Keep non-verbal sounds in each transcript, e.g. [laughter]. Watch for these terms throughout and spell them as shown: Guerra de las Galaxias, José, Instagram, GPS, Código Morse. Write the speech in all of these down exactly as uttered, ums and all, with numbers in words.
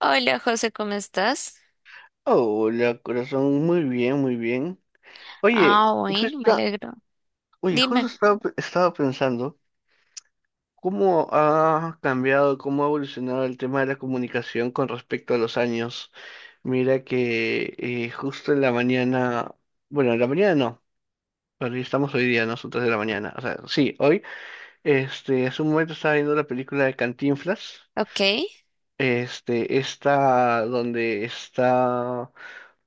Hola José, ¿cómo estás? Hola, corazón, muy bien, muy bien. Oye, Ah, bueno, me justo, alegro. oye, Dime. justo estaba, pe- estaba pensando cómo ha cambiado, cómo ha evolucionado el tema de la comunicación con respecto a los años. Mira que eh, justo en la mañana, bueno, en la mañana no, porque estamos hoy día, ¿no? Son tres de la mañana. O sea, sí, hoy, este, hace un momento estaba viendo la película de Cantinflas, Ok, este, esta donde está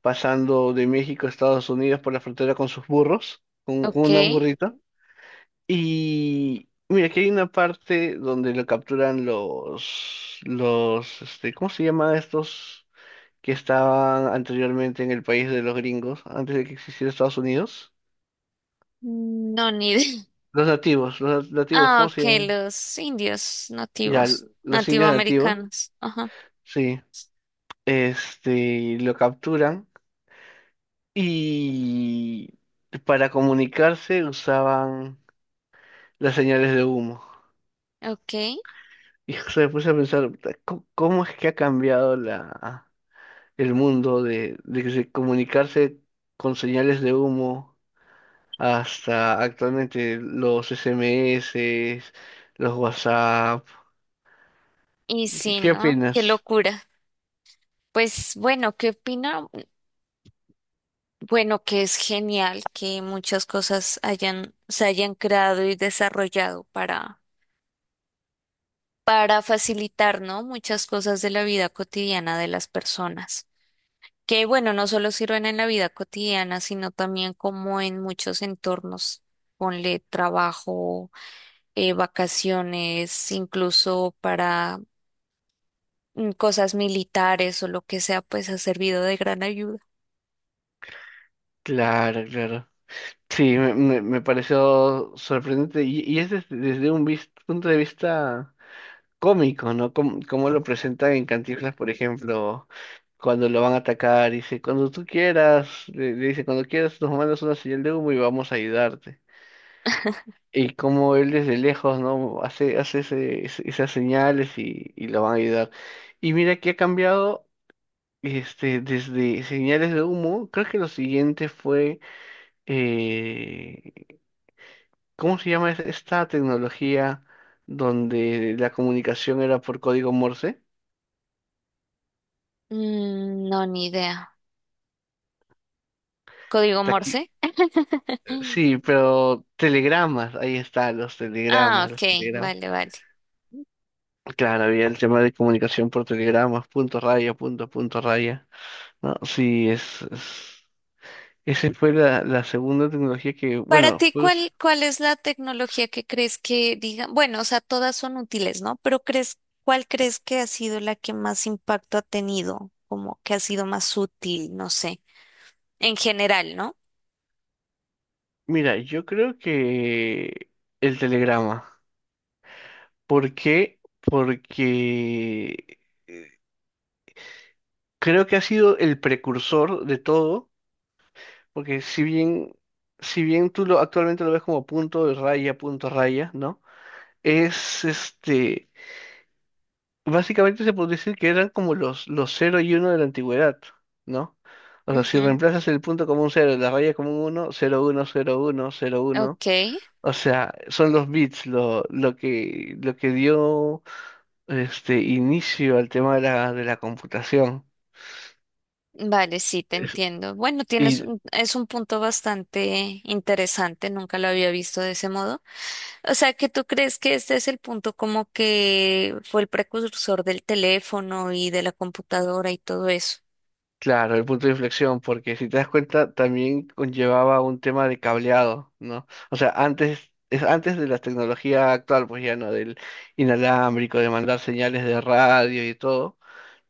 pasando de México a Estados Unidos por la frontera con sus burros, con, con ok. una burrita. Y mira, aquí hay una parte donde lo capturan los, los, este, ¿cómo se llaman estos que estaban anteriormente en el país de los gringos, antes de que existiera Estados Unidos? Mm, No, ni idea. [laughs] Los nativos, los nativos, Ah, ¿cómo se ok, llaman? los indios Ya, nativos, los indios nativos, nativoamericanos. Ajá, sí, este, lo capturan y para comunicarse usaban las señales de humo. ok. [laughs] Hijo, se me puse a pensar, puta, ¿cómo cómo es que ha cambiado la, el mundo de, de que se- comunicarse con señales de humo hasta actualmente los S M S, los WhatsApp? Y ¿Qué, sí, qué ¿no? Qué opinas? locura. Pues bueno, ¿qué opina? Bueno, que es genial que muchas cosas hayan, se hayan creado y desarrollado para, para facilitar, ¿no? Muchas cosas de la vida cotidiana de las personas, que bueno, no solo sirven en la vida cotidiana, sino también como en muchos entornos. Ponle trabajo, eh, vacaciones, incluso para mm, cosas militares o lo que sea, pues ha servido de gran ayuda. Claro, claro. Sí, me, me- me pareció sorprendente y, y es desde, desde un vis- punto de vista cómico, ¿no? Como, como lo presentan en Cantinflas, por ejemplo, cuando lo van a atacar, dice, cuando tú quieras, le, le dice, cuando quieras nos mandas una señal de humo y vamos a ayudarte. [laughs] Y como él desde lejos, ¿no? Hace, hace ese- ese- esas señales y, y lo van a ayudar. Y mira que ha cambiado, este, desde señales de humo, creo que lo siguiente fue, eh, ¿cómo se llama es- esta tecnología donde la comunicación era por código Morse? Mm, no, ni idea. ¿Código Taqui- Morse? [laughs] Sí, pero telegramas, ahí está, los Ah, telegramas, los ok, telegramas. vale, vale. Claro, había el tema de comunicación por telegramas, punto raya, punto, punto raya. No, sí, es, es- esa fue la, la segunda tecnología que, Para bueno, ti, pues, ¿cuál, ¿cuál es la tecnología que crees que digan? Bueno, o sea, todas son útiles, ¿no? Pero crees, ¿cuál crees que ha sido la que más impacto ha tenido? Como que ha sido más útil, no sé, en general, ¿no? mira, yo creo que el telegrama. ¿Por qué? Porque creo que ha sido el precursor de todo, porque si bien, si bien tú lo, actualmente lo ves como punto raya, punto raya, ¿no? es este, básicamente se podría decir que eran como los, los cero y uno de la antigüedad, ¿no? O sea, si Ujú. reemplazas el punto como un cero la raya como un uno cero uno cero uno cero uno. Ok, O sea, son los bits lo, lo que, lo que dio este inicio al tema de la, de la computación. vale, sí, te Es- entiendo. Bueno, tienes, y un- es un punto bastante interesante, nunca lo había visto de ese modo. O sea, que tú crees que este es el punto como que fue el precursor del teléfono y de la computadora y todo eso. Claro, el punto de inflexión, porque si te das cuenta, también conllevaba un tema de cableado, ¿no? O sea, antes, es antes de la tecnología actual, pues ya no, del inalámbrico, de mandar señales de radio y todo,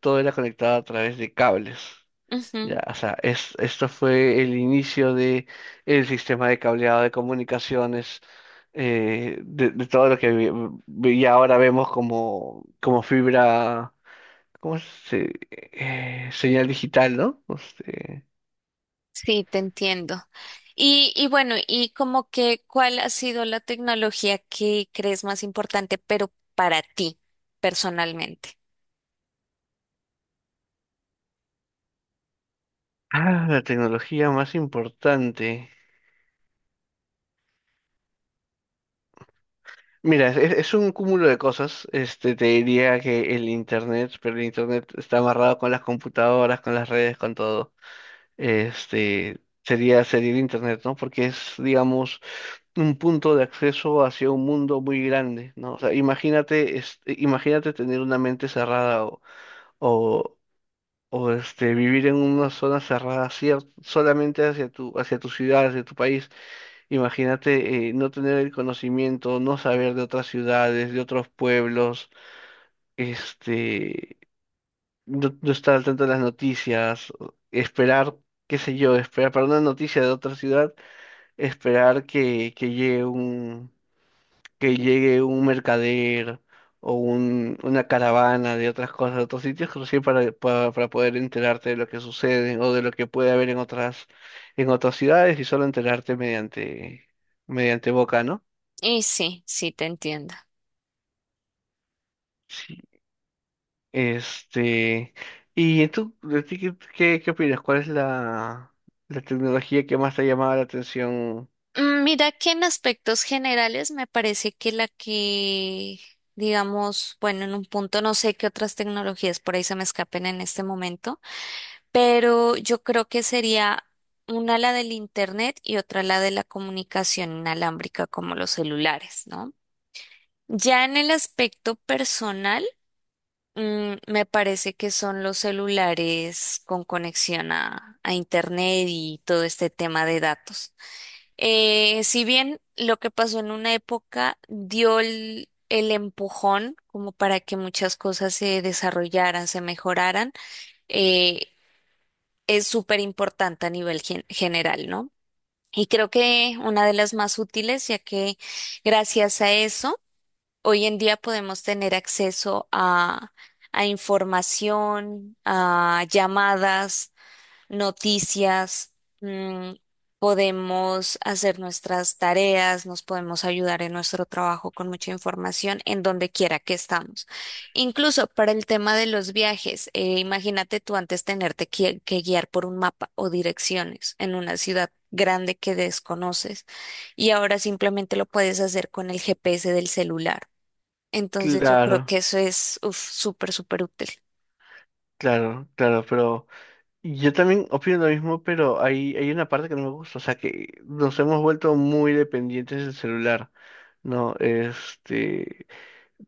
todo era conectado a través de cables. Ya, o sea, es, esto fue el inicio de el sistema de cableado de comunicaciones, eh, de, de todo lo que vi- vi- y ahora vemos como, como fibra. ¿Cómo se, eh, señal digital, ¿no? Este, Sí, te entiendo. Y, y bueno, y como que, ¿cuál ha sido la tecnología que crees más importante, pero para ti personalmente? ah, la tecnología más importante. Mira, es, es un cúmulo de cosas. Este, te diría que el internet, pero el internet está amarrado con las computadoras, con las redes, con todo. Este, sería, sería el internet, ¿no? Porque es, digamos, un punto de acceso hacia un mundo muy grande, ¿no? O sea, imagínate, este, imagínate tener una mente cerrada o, o este, vivir en una zona cerrada cier- solamente hacia tu, hacia tu ciudad, hacia tu país. Imagínate eh, no tener el conocimiento, no saber de otras ciudades, de otros pueblos, este, no, no estar al tanto de las noticias, o esperar, qué sé yo, esperar para una noticia de otra ciudad, esperar que, que llegue un que llegue un mercader o un, una caravana de otras cosas, de otros sitios, recién para, para, para poder enterarte de lo que sucede o de lo que puede haber en otras, en otras ciudades y solo enterarte mediante, mediante boca, ¿no? Y sí, sí, te entiendo. Sí. Este, y tú, de ti, ¿qué, qué, qué opinas? ¿Cuál es la, la tecnología que más te ha llamado la atención? Mm, Mira que en aspectos generales me parece que la que, digamos, bueno, en un punto no sé qué otras tecnologías por ahí se me escapen en este momento, pero yo creo que sería una la del internet y otra la de la comunicación inalámbrica como los celulares, ¿no? Ya en el aspecto personal, mm, me parece que son los celulares con conexión a, a Internet y todo este tema de datos. Eh, si bien lo que pasó en una época dio el, el empujón como para que muchas cosas se desarrollaran, se mejoraran, eh, es súper importante a nivel gen- general, ¿no? Y creo que una de las más útiles, ya que gracias a eso, hoy en día podemos tener acceso a, a información, a llamadas, noticias, mm, podemos hacer nuestras tareas, nos podemos ayudar en nuestro trabajo con mucha información en donde quiera que estamos. Incluso para el tema de los viajes, eh, imagínate tú antes tenerte que que guiar por un mapa o direcciones en una ciudad grande que desconoces, y ahora simplemente lo puedes hacer con el G P S del celular. Entonces yo creo Claro, que eso es uf, súper, súper útil. claro, claro, pero... Yo también opino lo mismo, pero hay, hay una parte que no me gusta, o sea que nos hemos vuelto muy dependientes del celular, ¿no? Este,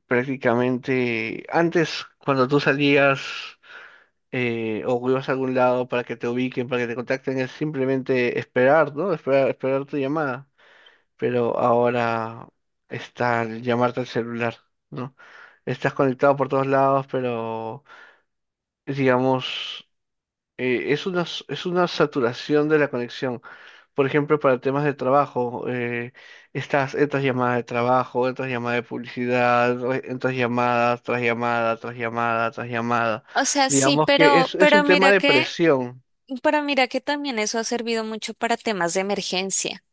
prácticamente antes cuando tú salías eh, o ibas a algún lado para que te ubiquen, para que te contacten, es simplemente esperar, ¿no? Esperar, esperar tu llamada, pero ahora está el llamarte al celular, ¿no? Estás conectado por todos lados, pero digamos eh, es una, s- es una saturación de la conexión. Por ejemplo, para temas de trabajo, eh, estas, estas llamadas de trabajo, estas llamadas de publicidad, re- estas llamadas tras llamada, tras llamada, tras llamada. O sea, sí, Digamos que pero, es, es pero un tema mira de que, presión, pero mira que también eso ha servido mucho para temas de emergencia.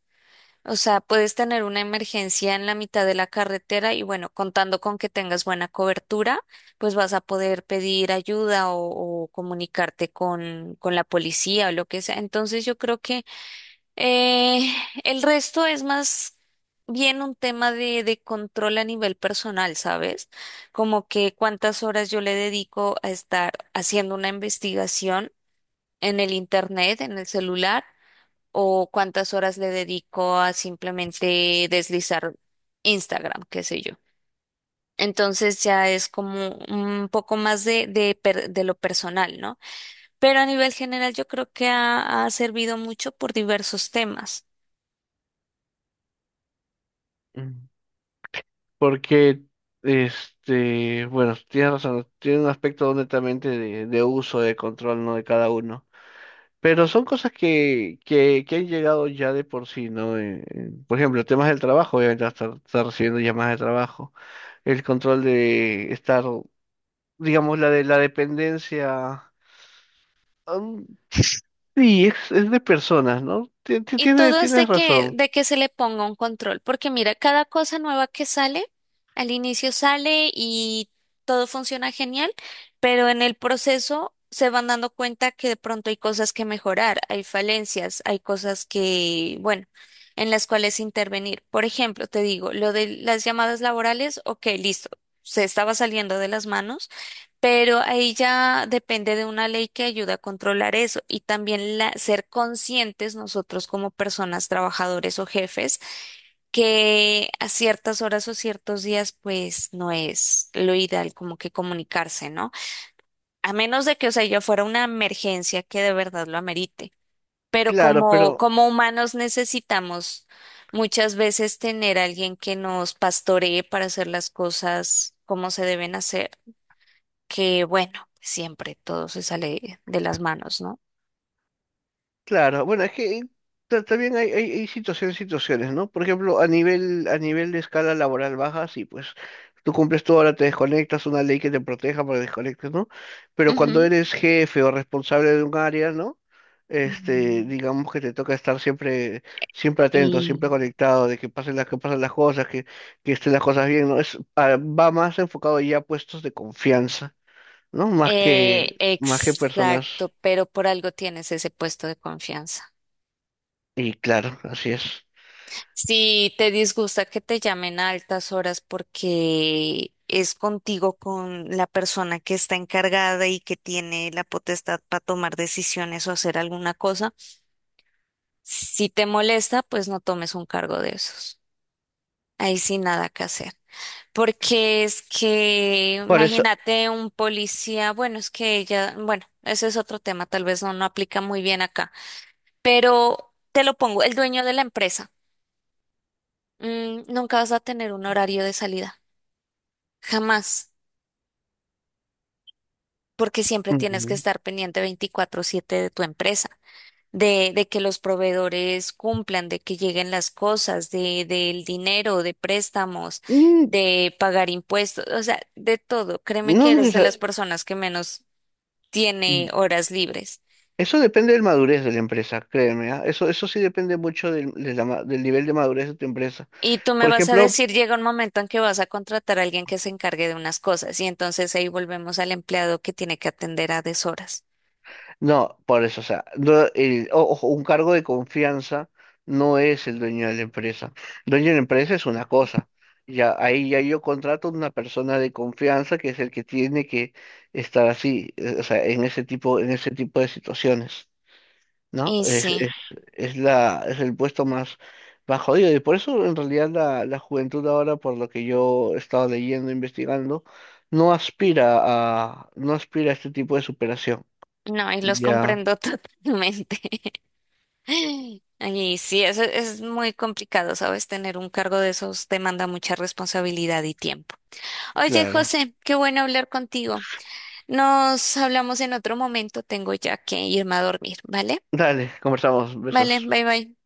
O sea, puedes tener una emergencia en la mitad de la carretera y bueno, contando con que tengas buena cobertura, pues vas a poder pedir ayuda o, o comunicarte con, con la policía o lo que sea. Entonces yo creo que Eh, el resto es más bien un tema de, de control a nivel personal, ¿sabes? Como que cuántas horas yo le dedico a estar haciendo una investigación en el internet, en el celular, o cuántas horas le dedico a simplemente deslizar Instagram, qué sé yo. Entonces ya es como un poco más de, de, per- de lo personal, ¿no? Pero a nivel general yo creo que ha ha servido mucho por diversos temas. mm, porque, este, bueno, tienes razón, tiene un aspecto netamente de, de uso, de control, ¿no? De cada uno. Pero son cosas que, que, que han llegado ya de por sí, ¿no? Eh, eh, por ejemplo, temas del trabajo, obviamente vas a estar, estar recibiendo llamadas de trabajo, el control de estar, digamos, la de la dependencia, um, sí, es, es de personas, ¿no? Ti- ti- Y Tiene, todo es tienes de que, razón, de que se le ponga un control, porque mira, cada cosa nueva que sale, al inicio sale y todo funciona genial, pero en el proceso se van dando cuenta que de pronto hay cosas que mejorar, hay falencias, hay cosas que, bueno, en las cuales intervenir. Por ejemplo, te digo, lo de las llamadas laborales, ok, listo, se estaba saliendo de las manos. Pero ahí ya depende de una ley que ayude a controlar eso, y también la- ser conscientes nosotros como personas, trabajadores o jefes, que a ciertas horas o ciertos días pues no es lo ideal como que comunicarse, ¿no? A menos de que, o sea, ya fuera una emergencia que de verdad lo amerite. Pero claro, como, pero como humanos necesitamos muchas veces tener a alguien que nos pastoree para hacer las cosas como se deben hacer, que bueno, siempre todo se sale de las manos, ¿no? claro, bueno, es que eh, ta- también hay, hay, hay situaciones, situaciones, ¿no? Por ejemplo, a nivel, a nivel de escala laboral baja, sí, pues tú cumples tu hora, te desconectas, una ley que te proteja para que desconectes, ¿no? Pero cuando Ujú, eres jefe o responsable de un área, ¿no? Este, ujú. digamos que te toca estar siempre, siempre atento, Y siempre conectado, de que pasen las, que pasen las cosas, que, que estén las cosas bien, ¿no? Es, ah, va más enfocado ya a puestos de confianza, ¿no? Más que, eh, sí, más que personas, exacto, pero por algo tienes ese puesto de confianza. y claro, así es. Si te disgusta que te llamen a altas horas porque es contigo con la persona que está encargada y que tiene la potestad para tomar decisiones o hacer alguna cosa, si te molesta, pues no tomes un cargo de esos. Ahí sí nada que hacer. Porque es que, Por eso, imagínate un policía, bueno, es que ella bueno, ese es otro tema, tal vez no, no aplica muy bien acá, pero te lo pongo, el dueño de la empresa, mm, nunca vas a tener un horario de salida, jamás, porque siempre tienes que ujú. estar pendiente veinticuatro siete de tu empresa, de, de que los proveedores cumplan, de que lleguen las cosas, de, del dinero, de préstamos, Mm, de pagar impuestos, o sea, de todo. Créeme No que eres de las necesar- personas que menos tiene horas libres. eso depende de la madurez de la empresa, créeme, ¿ah? Eso, eso sí depende mucho del, de la ma- del nivel de madurez de tu empresa. Y tú me Por vas a ejemplo, decir, llega un momento en que vas a contratar a alguien que se encargue de unas cosas y entonces ahí volvemos al empleado que tiene que atender a deshoras. no, por eso, o sea, no, el- o- ojo, un cargo de confianza no es el dueño de la empresa. Dueño de la empresa es una cosa. Ya, ahí ya yo contrato una persona de confianza que es el que tiene que estar así, eh, o sea, en ese tipo, en ese tipo de situaciones. ¿No? Y Es, es, sí, es la, es el puesto más, más jodido. Y por eso, en realidad, la, la juventud ahora, por lo que yo he estado leyendo, investigando, no aspira a, no aspira a este tipo de superación. no, y los Ya, comprendo [laughs] totalmente. Y sí, eso es muy complicado, ¿sabes? Tener un cargo de esos demanda mucha responsabilidad y tiempo. Oye, claro. José, qué bueno hablar contigo. Nos hablamos en otro momento, tengo ya que irme a dormir, ¿vale? Dale, conversamos. Vale, Besos. bye bye.